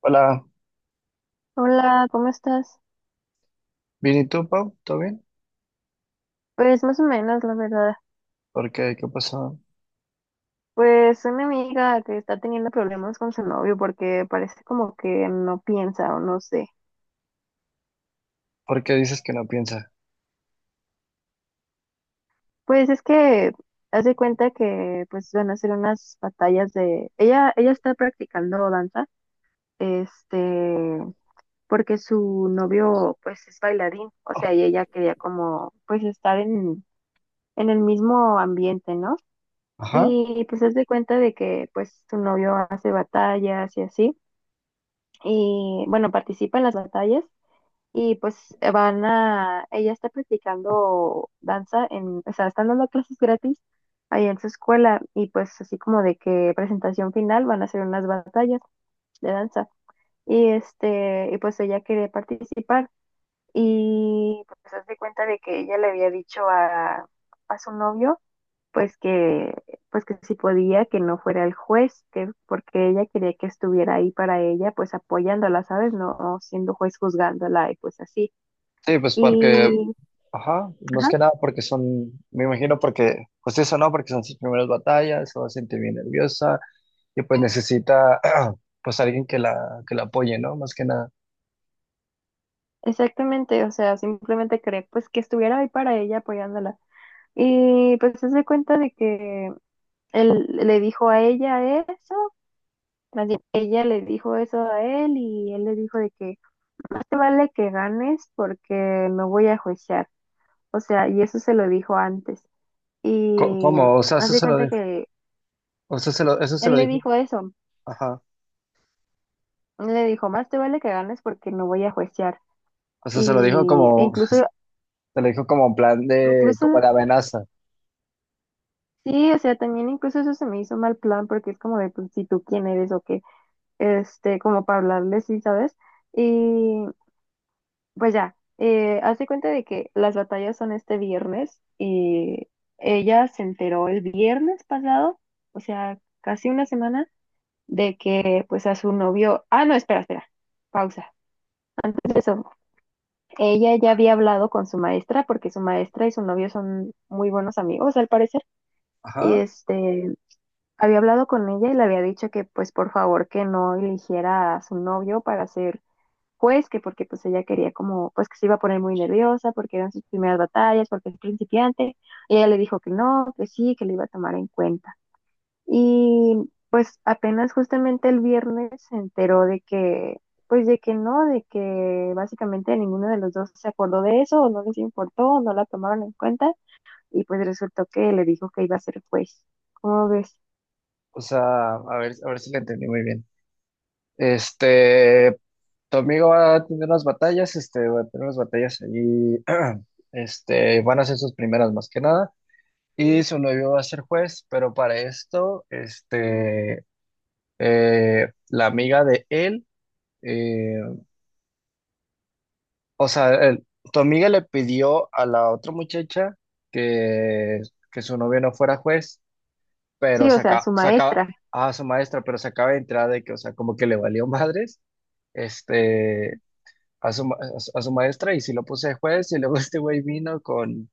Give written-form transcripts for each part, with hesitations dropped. Hola, Hola, ¿cómo estás? bien, ¿y tú, Pau? ¿Todo bien? Pues más o menos, la verdad. ¿Por qué? ¿Qué pasó? Pues una amiga que está teniendo problemas con su novio porque parece como que no piensa o no sé. ¿Por qué dices que no piensa? Pues es que hace cuenta que pues van a hacer unas batallas Ella está practicando danza, este, porque su novio pues es bailarín, o sea, y ella quería como pues estar en el mismo ambiente, ¿no? Ajá. Y pues hace cuenta de que pues su novio hace batallas y así. Y bueno, participa en las batallas y pues ella está practicando danza en, o sea, están dando clases gratis ahí en su escuela y pues así como de que presentación final van a hacer unas batallas de danza y y pues ella quiere participar y pues se hace cuenta de que ella le había dicho a su novio pues que, pues que si podía, que no fuera el juez, que porque ella quería que estuviera ahí para ella, pues apoyándola, ¿sabes? No siendo juez juzgándola y pues así. Sí, pues porque, Y, ajá, más ajá, que nada porque son, me imagino porque, pues eso no, porque son sus primeras batallas, se va a sentir bien nerviosa y pues necesita, pues alguien que la apoye, ¿no? Más que nada. exactamente, o sea, simplemente quería pues que estuviera ahí para ella apoyándola. Y pues se hace cuenta de que él le dijo a ella eso, más bien, ella le dijo eso a él y él le dijo de que no te vale que ganes porque no voy a juiciar. O sea, y eso se lo dijo antes. Y ¿Cómo? O sea, eso hace se lo cuenta dijo, que o sea, se lo, eso se él lo le dijo, dijo eso. ajá. Él le dijo, más te vale que ganes porque no voy a juiciar. O sea, se lo dijo Y como, incluso, se lo dijo como en plan de, incluso, como la amenaza. sí, o sea, también incluso eso se me hizo mal plan porque es como de, pues, si tú quién eres o qué, como para hablarle, sí, ¿sabes? Y pues ya, hace cuenta de que las batallas son este viernes y ella se enteró el viernes pasado, o sea, casi una semana, de que pues a su novio, no, espera, espera, pausa. Pues eso, ella ya había hablado con su maestra, porque su maestra y su novio son muy buenos amigos, al parecer, y Ajá. Había hablado con ella y le había dicho que, pues, por favor, que no eligiera a su novio para ser juez, que porque, pues, ella quería como, pues, que se iba a poner muy nerviosa, porque eran sus primeras batallas, porque es principiante, y ella le dijo que no, que sí, que le iba a tomar en cuenta. Y pues apenas justamente el viernes se enteró de que, pues de que no, de que básicamente ninguno de los dos se acordó de eso, o no les importó, o no la tomaron en cuenta, y pues resultó que le dijo que iba a ser juez. ¿Cómo ves? O sea, a ver si lo entendí muy bien. Este, Tu amigo va a tener unas batallas, este, va a tener unas batallas allí, este, van a ser sus primeras más que nada, y su novio va a ser juez, pero para esto, este, la amiga de él, eh, o sea, tu amiga le pidió a la otra muchacha que, que su novio no fuera juez, pero Sí, o sea, saca, su saca maestra. a su maestra, pero se acaba de entrar de que, o sea, como que le valió madres, este a su, a a su maestra y si lo puse de juez y luego este güey vino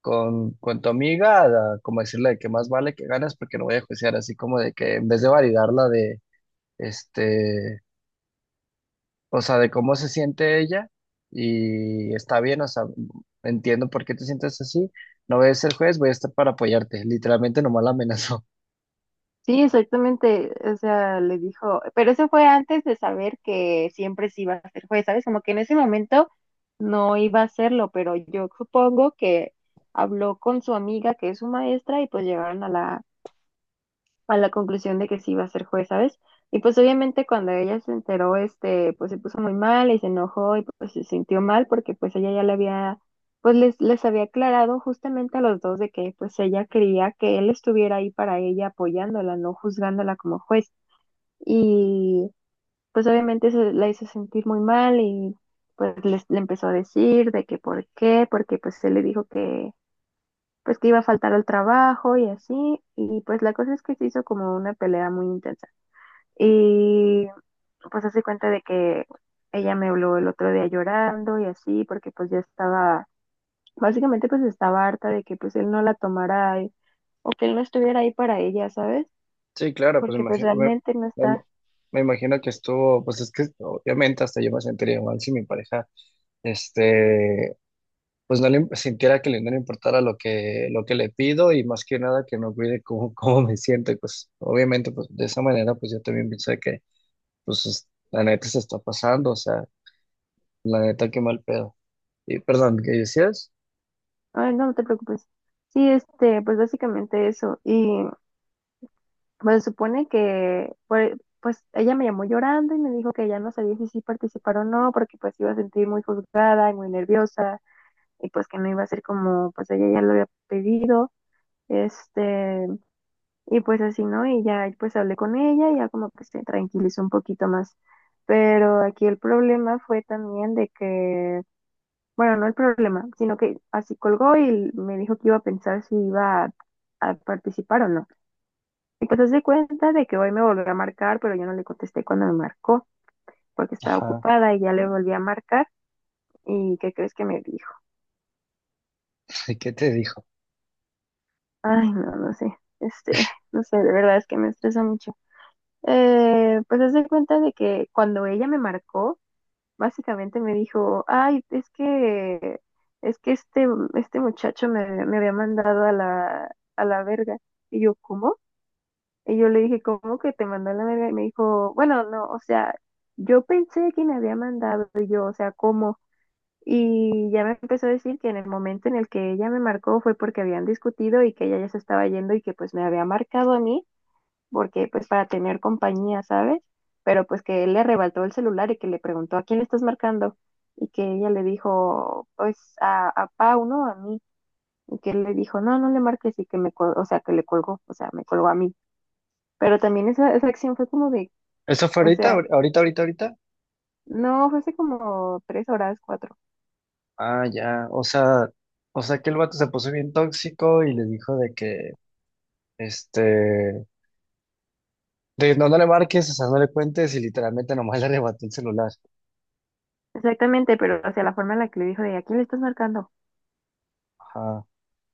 con tu amiga a, como decirle de que más vale que ganas porque no voy a juiciar, así como de que en vez de validarla de, este, o sea, de cómo se siente ella y está bien, o sea, entiendo por qué te sientes así, no voy a ser juez, voy a estar para apoyarte, literalmente nomás la amenazó. Sí, exactamente. O sea, le dijo, pero eso fue antes de saber que siempre sí iba a ser juez, ¿sabes? Como que en ese momento no iba a hacerlo, pero yo supongo que habló con su amiga que es su maestra y pues llegaron a la conclusión de que sí iba a ser juez, ¿sabes? Y pues obviamente cuando ella se enteró, pues se puso muy mal y se enojó y pues se sintió mal porque pues ella ya le había, pues les había aclarado justamente a los dos de que pues ella quería que él estuviera ahí para ella apoyándola, no juzgándola como juez. Y pues obviamente eso la hizo sentir muy mal y pues le empezó a decir de que por qué, porque pues él le dijo que pues que iba a faltar al trabajo y así, y pues la cosa es que se hizo como una pelea muy intensa. Y pues hace cuenta de que ella me habló el otro día llorando y así, porque pues ya estaba, básicamente pues estaba harta de que pues él no la tomara o que él no estuviera ahí para ella, ¿sabes? Sí, claro, pues Porque pues imagino, me, realmente no me- está. me imagino que estuvo, pues es que obviamente hasta yo me sentiría mal si mi pareja, este, pues no le sintiera que le, no le importara lo que le pido y más que nada que no cuide cómo, cómo me siento. Y pues obviamente, pues de esa manera, pues yo también pensé que, pues la neta se está pasando, o sea, la neta qué mal pedo. Y perdón, ¿qué decías? Ay, no, no te preocupes. Sí, pues básicamente eso. Y pues se supone que, pues ella me llamó llorando y me dijo que ya no sabía si sí participar o no, porque pues iba a sentir muy juzgada y muy nerviosa y pues que no iba a ser como, pues ella ya lo había pedido. Este, y pues así, ¿no? Y ya pues hablé con ella y ya como que se tranquilizó un poquito más. Pero aquí el problema fue también de que, bueno, no el problema, sino que así colgó y me dijo que iba a pensar si iba a participar o no. Y pues se cuenta de que hoy me volvió a marcar, pero yo no le contesté cuando me marcó, porque estaba Ajá, ocupada y ya le volví a marcar. ¿Y qué crees que me dijo? ¿qué te dijo? Ay, no, no sé. No sé, de verdad es que me estresa mucho. Pues haz de cuenta de que cuando ella me marcó, básicamente me dijo, ay, es que este muchacho me había mandado a la verga. Y yo, ¿cómo? Y yo le dije, ¿cómo que te mandó a la verga? Y me dijo, bueno, no, o sea, yo pensé que me había mandado y yo, o sea, ¿cómo? Y ya me empezó a decir que en el momento en el que ella me marcó fue porque habían discutido y que ella ya se estaba yendo y que pues me había marcado a mí porque pues para tener compañía, ¿sabes? Pero pues que él le arrebató el celular y que le preguntó, ¿a quién le estás marcando? Y que ella le dijo, pues a Pau, ¿no? A mí. Y que él le dijo, no, no le marques y que o sea, que le colgó, o sea, me colgó a mí. Pero también esa acción fue como de, ¿Eso fue o ahorita, sea, ahorita, ahorita, ahorita? no, fue hace como 3 horas, cuatro. Ah, ya, o sea que el vato se puso bien tóxico y le dijo de que, este, de no, no le marques, o sea, no le cuentes y literalmente nomás le arrebató el celular. Exactamente, pero o sea, la forma en la que le dijo de, ¿a quién le estás marcando? Ajá.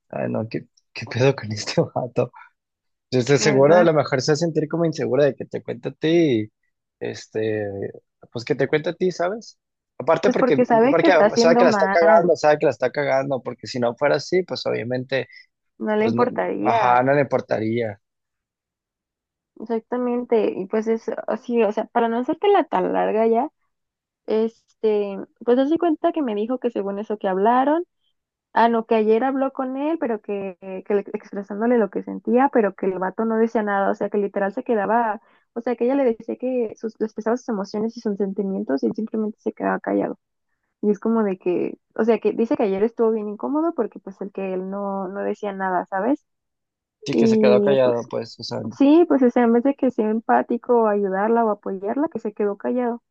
Ay, no, ¿qué, qué pedo con este vato? Yo estoy seguro, a ¿Verdad? lo mejor se va a sentir como insegura de que te cuente a ti, este, pues que te cuente a ti, ¿sabes? Aparte Pues porque, porque sabe que porque está sabe que haciendo la está mal, cagando, sabe que la está cagando, porque si no fuera así, pues obviamente, no le pues no, ajá, importaría. no le importaría. Exactamente, y pues es así, o sea, para no hacértela tan larga ya, este, pues hace cuenta que me dijo que según eso que hablaron, no, que ayer habló con él, expresándole lo que sentía, pero que el vato no decía nada, o sea, que literal se quedaba, o sea, que ella le decía que le expresaba sus emociones y sus sentimientos y él simplemente se quedaba callado. Y es como de que, o sea, que dice que ayer estuvo bien incómodo porque pues el que él no decía nada, ¿sabes? Sí que se quedó Y pues callado, pues, o sea, sí, pues o sea, en vez de que sea empático o ayudarla o apoyarla, que se quedó callado.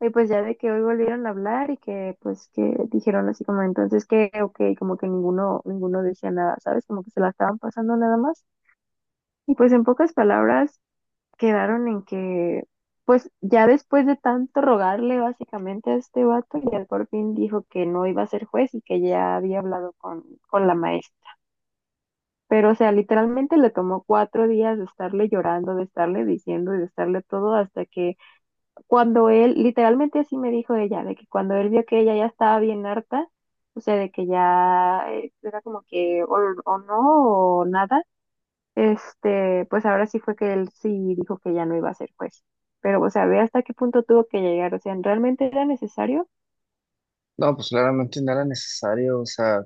Y pues ya de que hoy volvieron a hablar y que pues que dijeron así como entonces que ok, como que ninguno decía nada, ¿sabes? Como que se la estaban pasando nada más. Y pues en pocas palabras quedaron en que pues ya después de tanto rogarle básicamente a este vato, ya por fin dijo que no iba a ser juez y que ya había hablado con la maestra. Pero, o sea, literalmente le tomó 4 días de estarle llorando, de estarle diciendo y de estarle todo hasta que cuando él, literalmente así me dijo ella, de que cuando él vio que ella ya estaba bien harta, o sea, de que ya era como que o no o nada, pues ahora sí fue que él sí dijo que ya no iba a ser juez. Pero, o sea, ve hasta qué punto tuvo que llegar, o sea, ¿realmente era necesario? no, pues claramente no era necesario, o sea,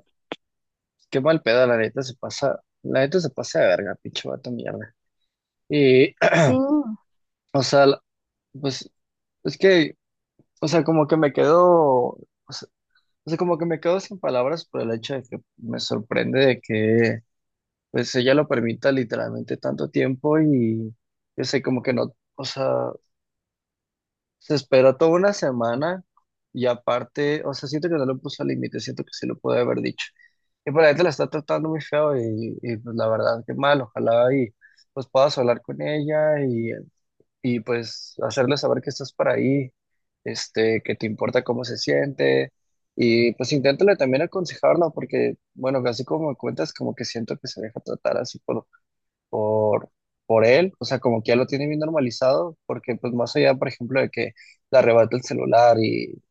qué mal pedo, la neta se pasa, la neta se pasa de verga, pinche vato mierda. Y, Sí, no, o sea, la- pues, es que... O sea, como que me quedo, sea, o sea, como que me quedo sin palabras por el hecho de que me sorprende de que pues ella lo permita literalmente tanto tiempo y yo sé como que no, o sea, se espera toda una semana y aparte, o sea, siento que no lo puso al límite, siento que sí lo puede haber dicho. Y por la gente la está tratando muy feo y, pues la verdad que mal, ojalá y pues puedas hablar con ella y pues hacerle saber que estás para ahí, este, que te importa cómo se siente y pues inténtale también aconsejarla porque, bueno, así como me cuentas, como que siento que se deja tratar así por, por él, o sea, como que ya lo tiene bien normalizado porque pues más allá, por ejemplo, de que le arrebata el celular y...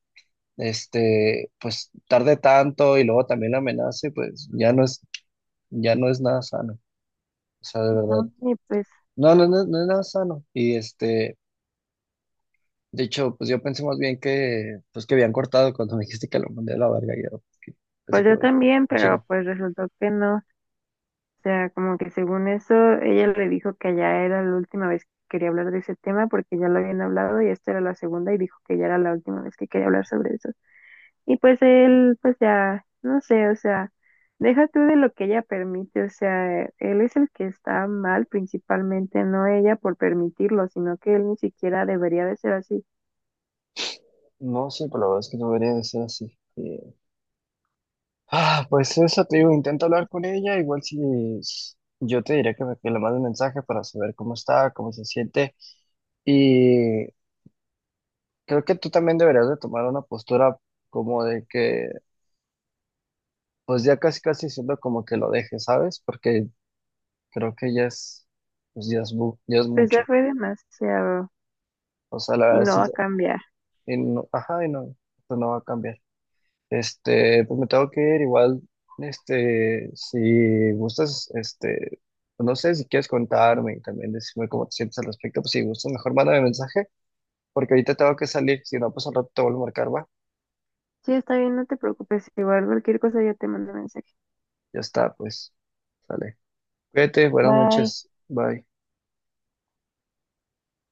Este, pues tarde tanto y luego también la amenace, pues ya no es nada sano. O sea, de verdad, y pues, no, no, no, no es nada sano. Y este, de hecho, pues yo pensé más bien que, pues que habían cortado cuando me dijiste que lo mandé a la verga. Y yo, que- así pues yo como, de, también, pero chinga. pues resultó que no. O sea, como que según eso, ella le dijo que ya era la última vez que quería hablar de ese tema porque ya lo habían hablado y esta era la segunda y dijo que ya era la última vez que quería hablar sobre eso. Y pues él, pues ya, no sé, o sea, deja tú de lo que ella permite, o sea, él es el que está mal principalmente, no ella por permitirlo, sino que él ni siquiera debería de ser así. No, sí, pero la verdad es que no debería de ser así. Ah, pues eso te digo, intenta hablar con ella. Igual si yo te diré que, que le mande un mensaje para saber cómo está, cómo se siente. Y creo que tú también deberías de tomar una postura como de que, pues ya casi casi siendo como que lo dejes, ¿sabes? Porque creo que ya es, pues ya es, ya es Pues ya mucho. fue demasiado O sea, la y verdad no sí, va a cambiar. y no, ajá, y no, esto no va a cambiar. Este, pues me tengo que ir igual, este, si gustas, este, pues no sé si quieres contarme y también decirme cómo te sientes al respecto, pues si gustas, mejor mándame mensaje, porque ahorita tengo que salir, si no, pues al rato te vuelvo a marcar, va. Sí, está bien, no te preocupes, igual cualquier cosa yo te mando mensaje. Ya está, pues, sale. Cuídate, buenas Bye. noches, bye.